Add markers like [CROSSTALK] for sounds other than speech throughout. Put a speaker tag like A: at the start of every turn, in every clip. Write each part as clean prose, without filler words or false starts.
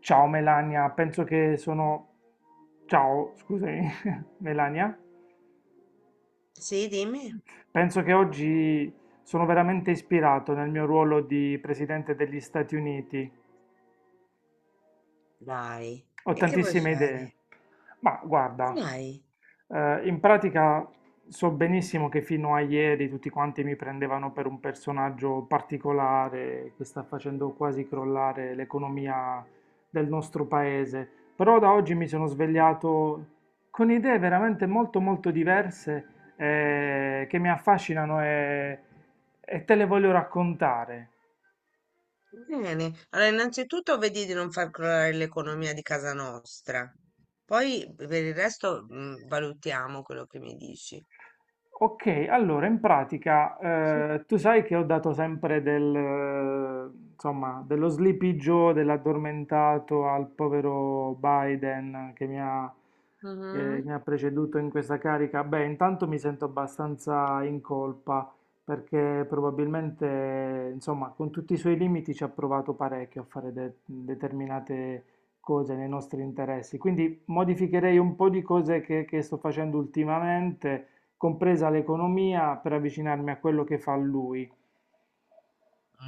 A: Ciao Melania, penso che sono... Ciao, scusami, [LAUGHS] Melania.
B: Sì, dimmi.
A: Penso che oggi sono veramente ispirato nel mio ruolo di presidente degli Stati Uniti.
B: Dai,
A: Ho
B: e che vuoi
A: tantissime idee.
B: fare?
A: Ma guarda,
B: Dai.
A: In pratica so benissimo che fino a ieri tutti quanti mi prendevano per un personaggio particolare che sta facendo quasi crollare l'economia del nostro paese, però da oggi mi sono svegliato con idee veramente molto molto diverse che mi affascinano e te le voglio raccontare.
B: Bene. Allora, innanzitutto vedi di non far crollare l'economia di casa nostra. Poi per il resto valutiamo quello che mi dici.
A: Ok, allora in pratica tu sai che ho dato sempre insomma, dello Sleepy Joe, dell'addormentato al povero Biden che mi ha, eh, mi
B: Mhm.
A: ha preceduto in questa carica. Beh, intanto mi sento abbastanza in colpa perché probabilmente, insomma, con tutti i suoi limiti ci ha provato parecchio a fare determinate cose nei nostri interessi. Quindi modificherei un po' di cose che sto facendo ultimamente compresa l'economia, per avvicinarmi a quello che fa lui.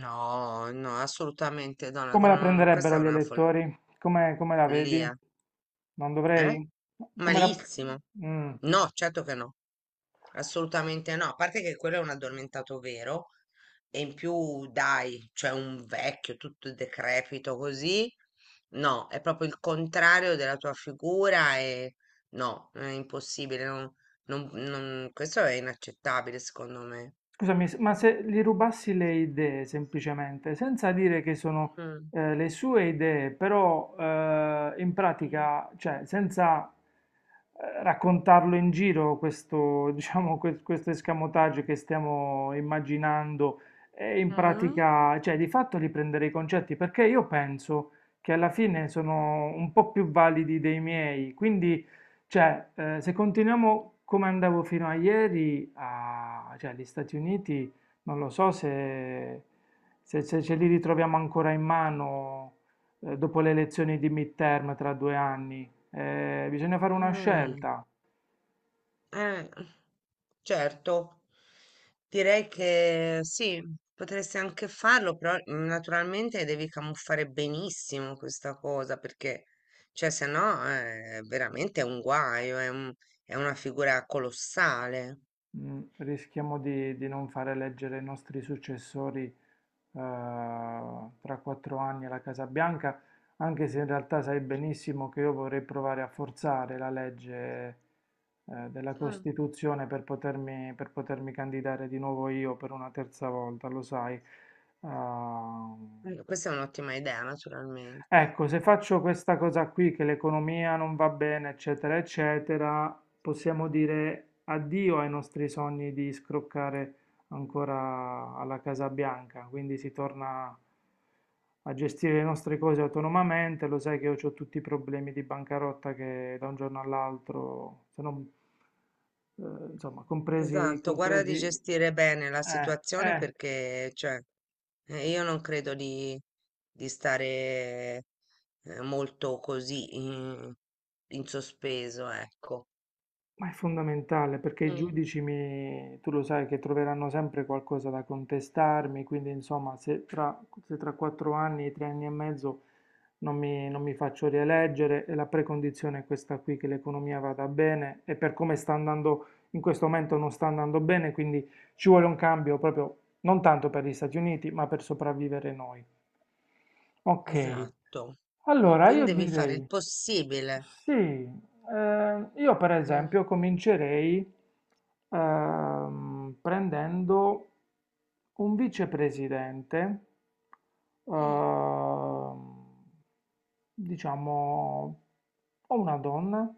B: No, no, assolutamente, Donald,
A: Come la
B: no, no, questa
A: prenderebbero
B: è
A: gli
B: una
A: elettori? Come la vedi?
B: follia,
A: Non
B: eh?
A: dovrei? Come la...
B: Malissimo.
A: Mm.
B: No, certo che no. Assolutamente no, a parte che quello è un addormentato vero e in più dai, cioè un vecchio tutto decrepito così, no, è proprio il contrario della tua figura e no, è impossibile, questo è inaccettabile secondo me.
A: Scusami, ma se gli rubassi le idee semplicemente, senza dire che sono
B: Mm,
A: le sue idee, però in
B: mm,
A: pratica, cioè senza raccontarlo in giro questo, [LAUGHS] diciamo, questo escamotage che stiamo immaginando, e in pratica, cioè di fatto li prendere i concetti, perché io penso che alla fine sono un po' più validi dei miei, quindi cioè, se continuiamo come andavo fino a ieri, cioè, gli Stati Uniti, non lo so se ce li ritroviamo ancora in mano dopo le elezioni di midterm tra due anni. Bisogna fare
B: mm,
A: una
B: mm,
A: scelta.
B: eh. Certo, direi che sì, potresti anche farlo, però naturalmente devi camuffare benissimo questa cosa perché, cioè, se no è veramente un guaio, è una figura colossale.
A: Rischiamo di non fare eleggere i nostri successori eh, tra quattro anni alla Casa Bianca, anche se in realtà sai benissimo che io vorrei provare a forzare la legge, della
B: Mm.
A: Costituzione per potermi candidare di nuovo io per una terza volta, lo sai. Ehm,
B: Questa è un'ottima idea, naturalmente.
A: Ecco, se faccio questa cosa qui, che l'economia non va bene, eccetera, eccetera, possiamo dire addio ai nostri sogni di scroccare ancora alla Casa Bianca. Quindi si torna a gestire le nostre cose autonomamente. Lo sai che io ho tutti i problemi di bancarotta che da un giorno all'altro, se non, insomma, compresi,
B: Esatto, guarda di
A: compresi,
B: gestire bene la
A: eh,
B: situazione
A: eh.
B: perché, cioè. Io non credo di stare molto così in sospeso, ecco.
A: Ma è fondamentale perché i
B: Mm,
A: giudici tu lo sai che troveranno sempre qualcosa da contestarmi, quindi insomma se tra quattro anni, tre anni e mezzo non mi faccio rieleggere e la precondizione è questa qui, che l'economia vada bene e per come sta andando in questo momento non sta andando bene, quindi ci vuole un cambio proprio non tanto per gli Stati Uniti ma per sopravvivere noi. Ok,
B: esatto.
A: allora,
B: Quindi
A: io
B: devi fare il
A: direi
B: possibile.
A: sì, io per
B: Mm.
A: esempio comincerei prendendo un vicepresidente,
B: Mm,
A: ehm, diciamo, o una donna,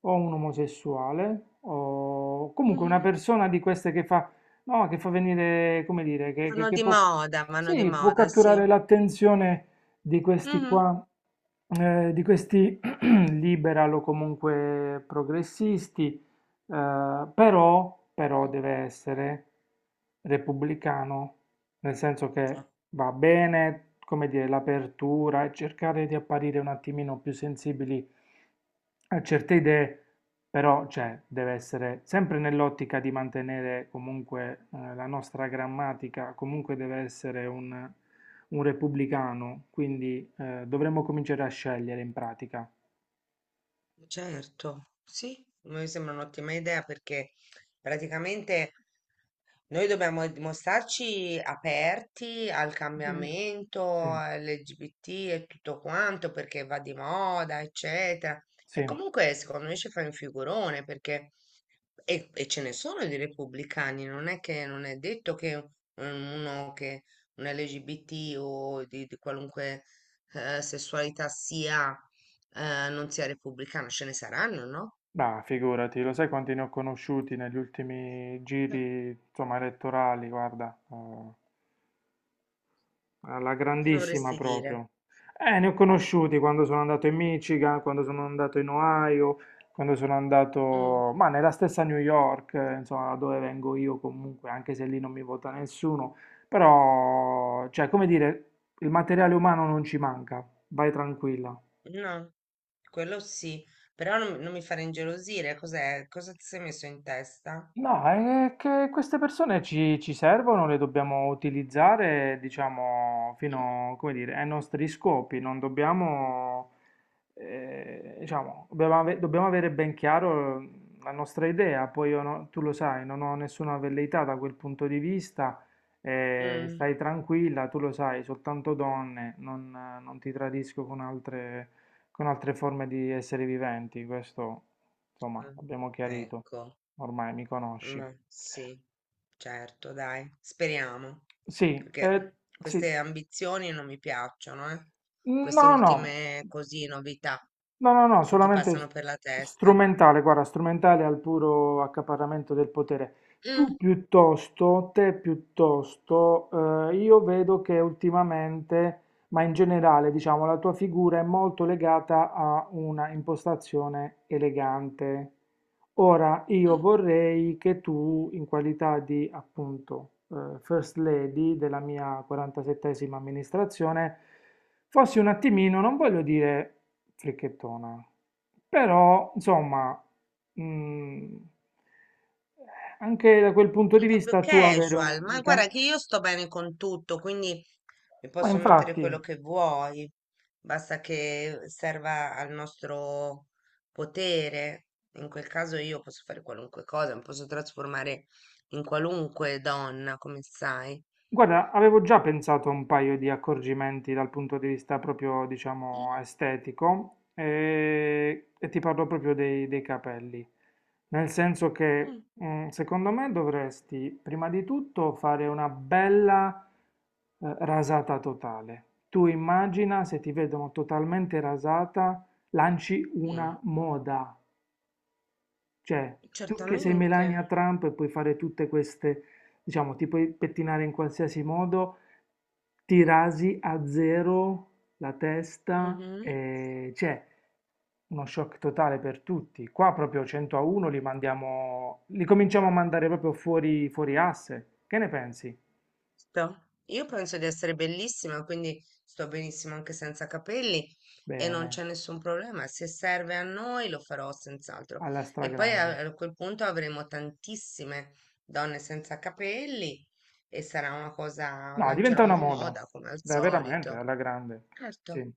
A: o un omosessuale, o comunque
B: mhm,
A: una persona di queste che fa, no, che fa venire, come dire, che, che-
B: Sono
A: che
B: di
A: può,
B: moda, vanno di
A: sì, può
B: moda, sì.
A: catturare l'attenzione di questi
B: Mhm.
A: qua, di questi [CLEARS THROAT] liberal o comunque progressisti, però deve essere repubblicano, nel senso che
B: Eh,
A: va bene, come dire, l'apertura e cercare di apparire un attimino più sensibili a certe idee, però cioè, deve essere sempre nell'ottica di mantenere comunque la nostra grammatica, comunque deve essere un repubblicano, quindi, dovremmo cominciare a scegliere in pratica.
B: certo, sì, mi sembra un'ottima idea perché praticamente. Noi dobbiamo mostrarci aperti al
A: Vero.
B: cambiamento,
A: Sì,
B: LGBT e tutto quanto, perché va di moda, eccetera. E
A: sì.
B: comunque, secondo me, ci fai un figurone, perché. E ce ne sono di repubblicani, non è che non è detto che uno che un LGBT o di qualunque sessualità sia, non sia repubblicano, ce ne saranno, no?
A: Bah, figurati, lo sai quanti ne ho conosciuti negli ultimi
B: Eh,
A: giri, insomma, elettorali, guarda, alla
B: Cosa
A: grandissima
B: vorresti dire?
A: proprio. Ne ho conosciuti quando sono andato in Michigan, quando sono andato in Ohio, quando sono
B: Mm,
A: andato, ma nella stessa New York, insomma, da dove vengo io comunque, anche se lì non mi vota nessuno, però, cioè, come dire, il materiale umano non ci manca, vai tranquilla.
B: no. Quello sì, però non mi fare ingelosire, cos'è? Cosa ti sei messo in testa?
A: No, è che queste persone ci servono, le dobbiamo utilizzare, diciamo, fino, come dire, ai nostri scopi, non dobbiamo, diciamo, dobbiamo avere ben chiaro la nostra idea, poi io tu lo sai, non ho nessuna velleità da quel punto di vista,
B: Mm,
A: stai tranquilla, tu lo sai, soltanto donne, non ti tradisco con altre forme di esseri viventi, questo, insomma,
B: eh,
A: abbiamo chiarito.
B: Ecco,
A: Ormai mi conosci.
B: ma sì, certo, dai, speriamo,
A: Sì,
B: perché
A: sì.
B: queste ambizioni non mi piacciono, eh? Queste
A: No, no,
B: ultime così novità
A: no, no, no,
B: che ti
A: solamente
B: passano per la testa.
A: strumentale, guarda, strumentale al puro accaparramento del potere.
B: Mm,
A: Tu piuttosto, te piuttosto, io vedo che ultimamente, ma in generale, diciamo, la tua figura è molto legata a una impostazione elegante. Ora io
B: mm,
A: vorrei che tu, in qualità di appunto First Lady della mia 47esima amministrazione, fossi un attimino, non voglio dire fricchettona, però insomma, mm, anche da quel punto di
B: Un po' più
A: vista tu avere un...
B: casual,
A: un
B: ma guarda
A: cam-
B: che io sto bene con tutto, quindi e
A: Ma
B: posso mettere quello
A: infatti.
B: che vuoi, basta che serva al nostro potere. In quel caso io posso fare qualunque cosa, mi posso trasformare in qualunque donna, come sai.
A: Guarda, avevo già pensato a un paio di accorgimenti dal punto di vista proprio, diciamo, estetico e ti parlo proprio dei capelli. Nel senso che,
B: Mm,
A: secondo me, dovresti prima di tutto fare una bella, rasata totale. Tu immagina se ti vedono totalmente rasata, lanci
B: mm,
A: una moda. Cioè, tu che sei
B: Certamente.
A: Melania Trump e puoi fare tutte queste, diciamo, ti puoi pettinare in qualsiasi modo, ti rasi a zero la testa,
B: Mm-hmm.
A: e c'è uno shock totale per tutti. Qua proprio 100-1 li mandiamo, li cominciamo a mandare proprio fuori, fuori asse. Che ne pensi?
B: Io penso di essere bellissima, quindi sto benissimo anche senza capelli e non
A: Bene,
B: c'è nessun problema. Se serve a noi lo farò senz'altro.
A: alla
B: E poi
A: stragrande.
B: a quel punto avremo tantissime donne senza capelli e sarà una cosa,
A: No, diventa
B: lancerò
A: una
B: una
A: moda.
B: moda come al
A: Dai, veramente
B: solito.
A: alla grande.
B: Certo,
A: Sì.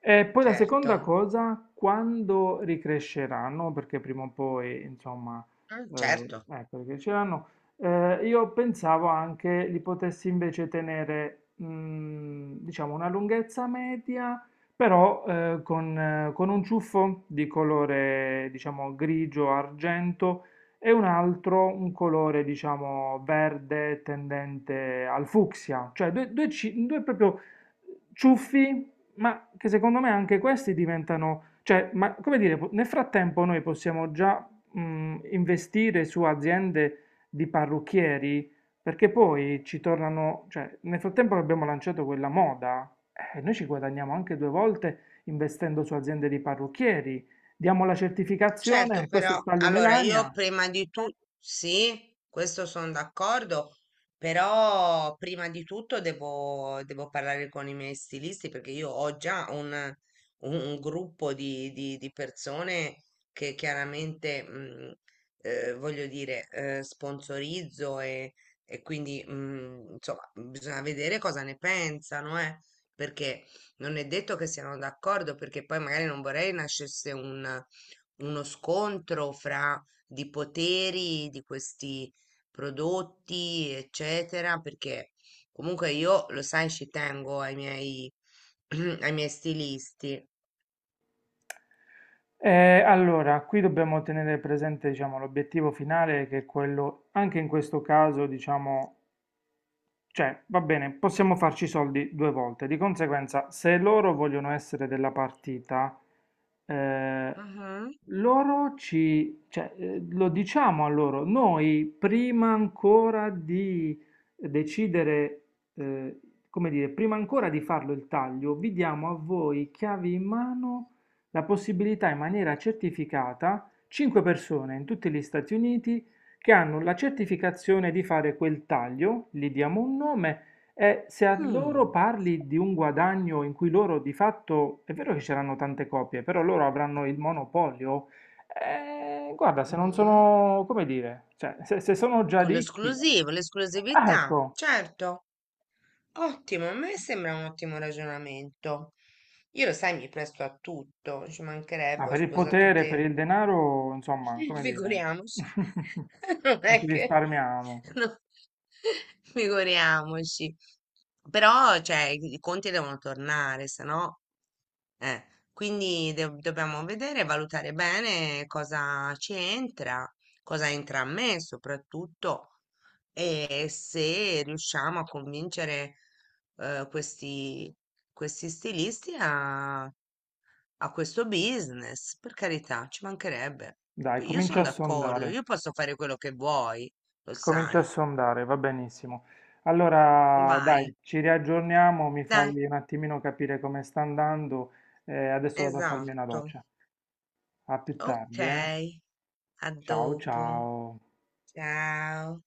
A: E poi la seconda
B: certo,
A: cosa, quando ricresceranno, perché prima o poi, insomma,
B: Mm,
A: eh,
B: certo.
A: ecco, ricresceranno, io pensavo anche li potessi invece tenere, diciamo, una lunghezza media, però con un ciuffo di colore, diciamo, grigio-argento e un altro un colore, diciamo, verde tendente al fucsia, cioè due proprio ciuffi, ma che secondo me anche questi diventano, cioè, ma come dire, nel frattempo noi possiamo già investire su aziende di parrucchieri, perché poi ci tornano, cioè, nel frattempo che abbiamo lanciato quella moda, noi ci guadagniamo anche due volte investendo su aziende di parrucchieri. Diamo la certificazione,
B: Certo,
A: questo è
B: però
A: il taglio
B: allora io
A: Melania.
B: prima di tutto, sì, questo sono d'accordo, però prima di tutto devo parlare con i miei stilisti perché io ho già un gruppo di persone che chiaramente, voglio dire, sponsorizzo e quindi, insomma, bisogna vedere cosa ne pensano, perché non è detto che siano d'accordo, perché poi magari non vorrei nascesse un uno scontro fra di poteri di questi prodotti, eccetera, perché comunque io, lo sai, ci tengo ai miei, [CLEARS THROAT] ai miei stilisti.
A: Allora, qui dobbiamo tenere presente, diciamo, l'obiettivo finale che è quello, anche in questo caso, diciamo, cioè, va bene, possiamo farci i soldi due volte. Di conseguenza, se loro vogliono essere della partita, eh,
B: Mhm,
A: cioè, lo diciamo a loro, noi prima ancora di decidere, eh, come dire, prima ancora di farlo il taglio, vi diamo a voi chiavi in mano la possibilità in maniera certificata, 5 persone in tutti gli Stati Uniti che hanno la certificazione di fare quel taglio, gli diamo un nome e se a loro
B: Mm,
A: parli di un guadagno in cui loro di fatto, è vero che ci saranno tante copie, però loro avranno il monopolio, guarda, se non
B: mhm.
A: sono, come dire, cioè, se sono già
B: Con
A: ricchi,
B: l'esclusivo,
A: ah,
B: l'esclusività,
A: ecco,
B: certo, ottimo, a me sembra un ottimo ragionamento. Io lo sai, mi presto a tutto, ci
A: ma
B: mancherebbe, ho
A: per il
B: sposato
A: potere, per
B: te.
A: il denaro, insomma,
B: [LAUGHS]
A: come dire,
B: Figuriamoci.
A: [LAUGHS]
B: [LAUGHS] Non
A: non
B: è
A: ci
B: che.
A: risparmiamo.
B: No, [LAUGHS] Figuriamoci. Però, cioè, i conti devono tornare, se no. Quindi dobbiamo vedere, valutare bene cosa ci entra, cosa entra a me soprattutto, e se riusciamo a convincere eh, questi, questi stilisti a questo business, per carità, ci mancherebbe.
A: Dai,
B: Poi io
A: comincia
B: sono
A: a
B: d'accordo,
A: sondare.
B: io posso fare quello che vuoi, lo
A: Comincio a
B: sai.
A: sondare, va benissimo. Allora,
B: Vai,
A: dai, ci riaggiorniamo, mi
B: dai,
A: fai un attimino capire come sta andando e adesso vado a farmi una
B: esatto.
A: doccia. A più
B: Ok,
A: tardi, eh?
B: a
A: Ciao
B: dopo.
A: ciao.
B: Ciao.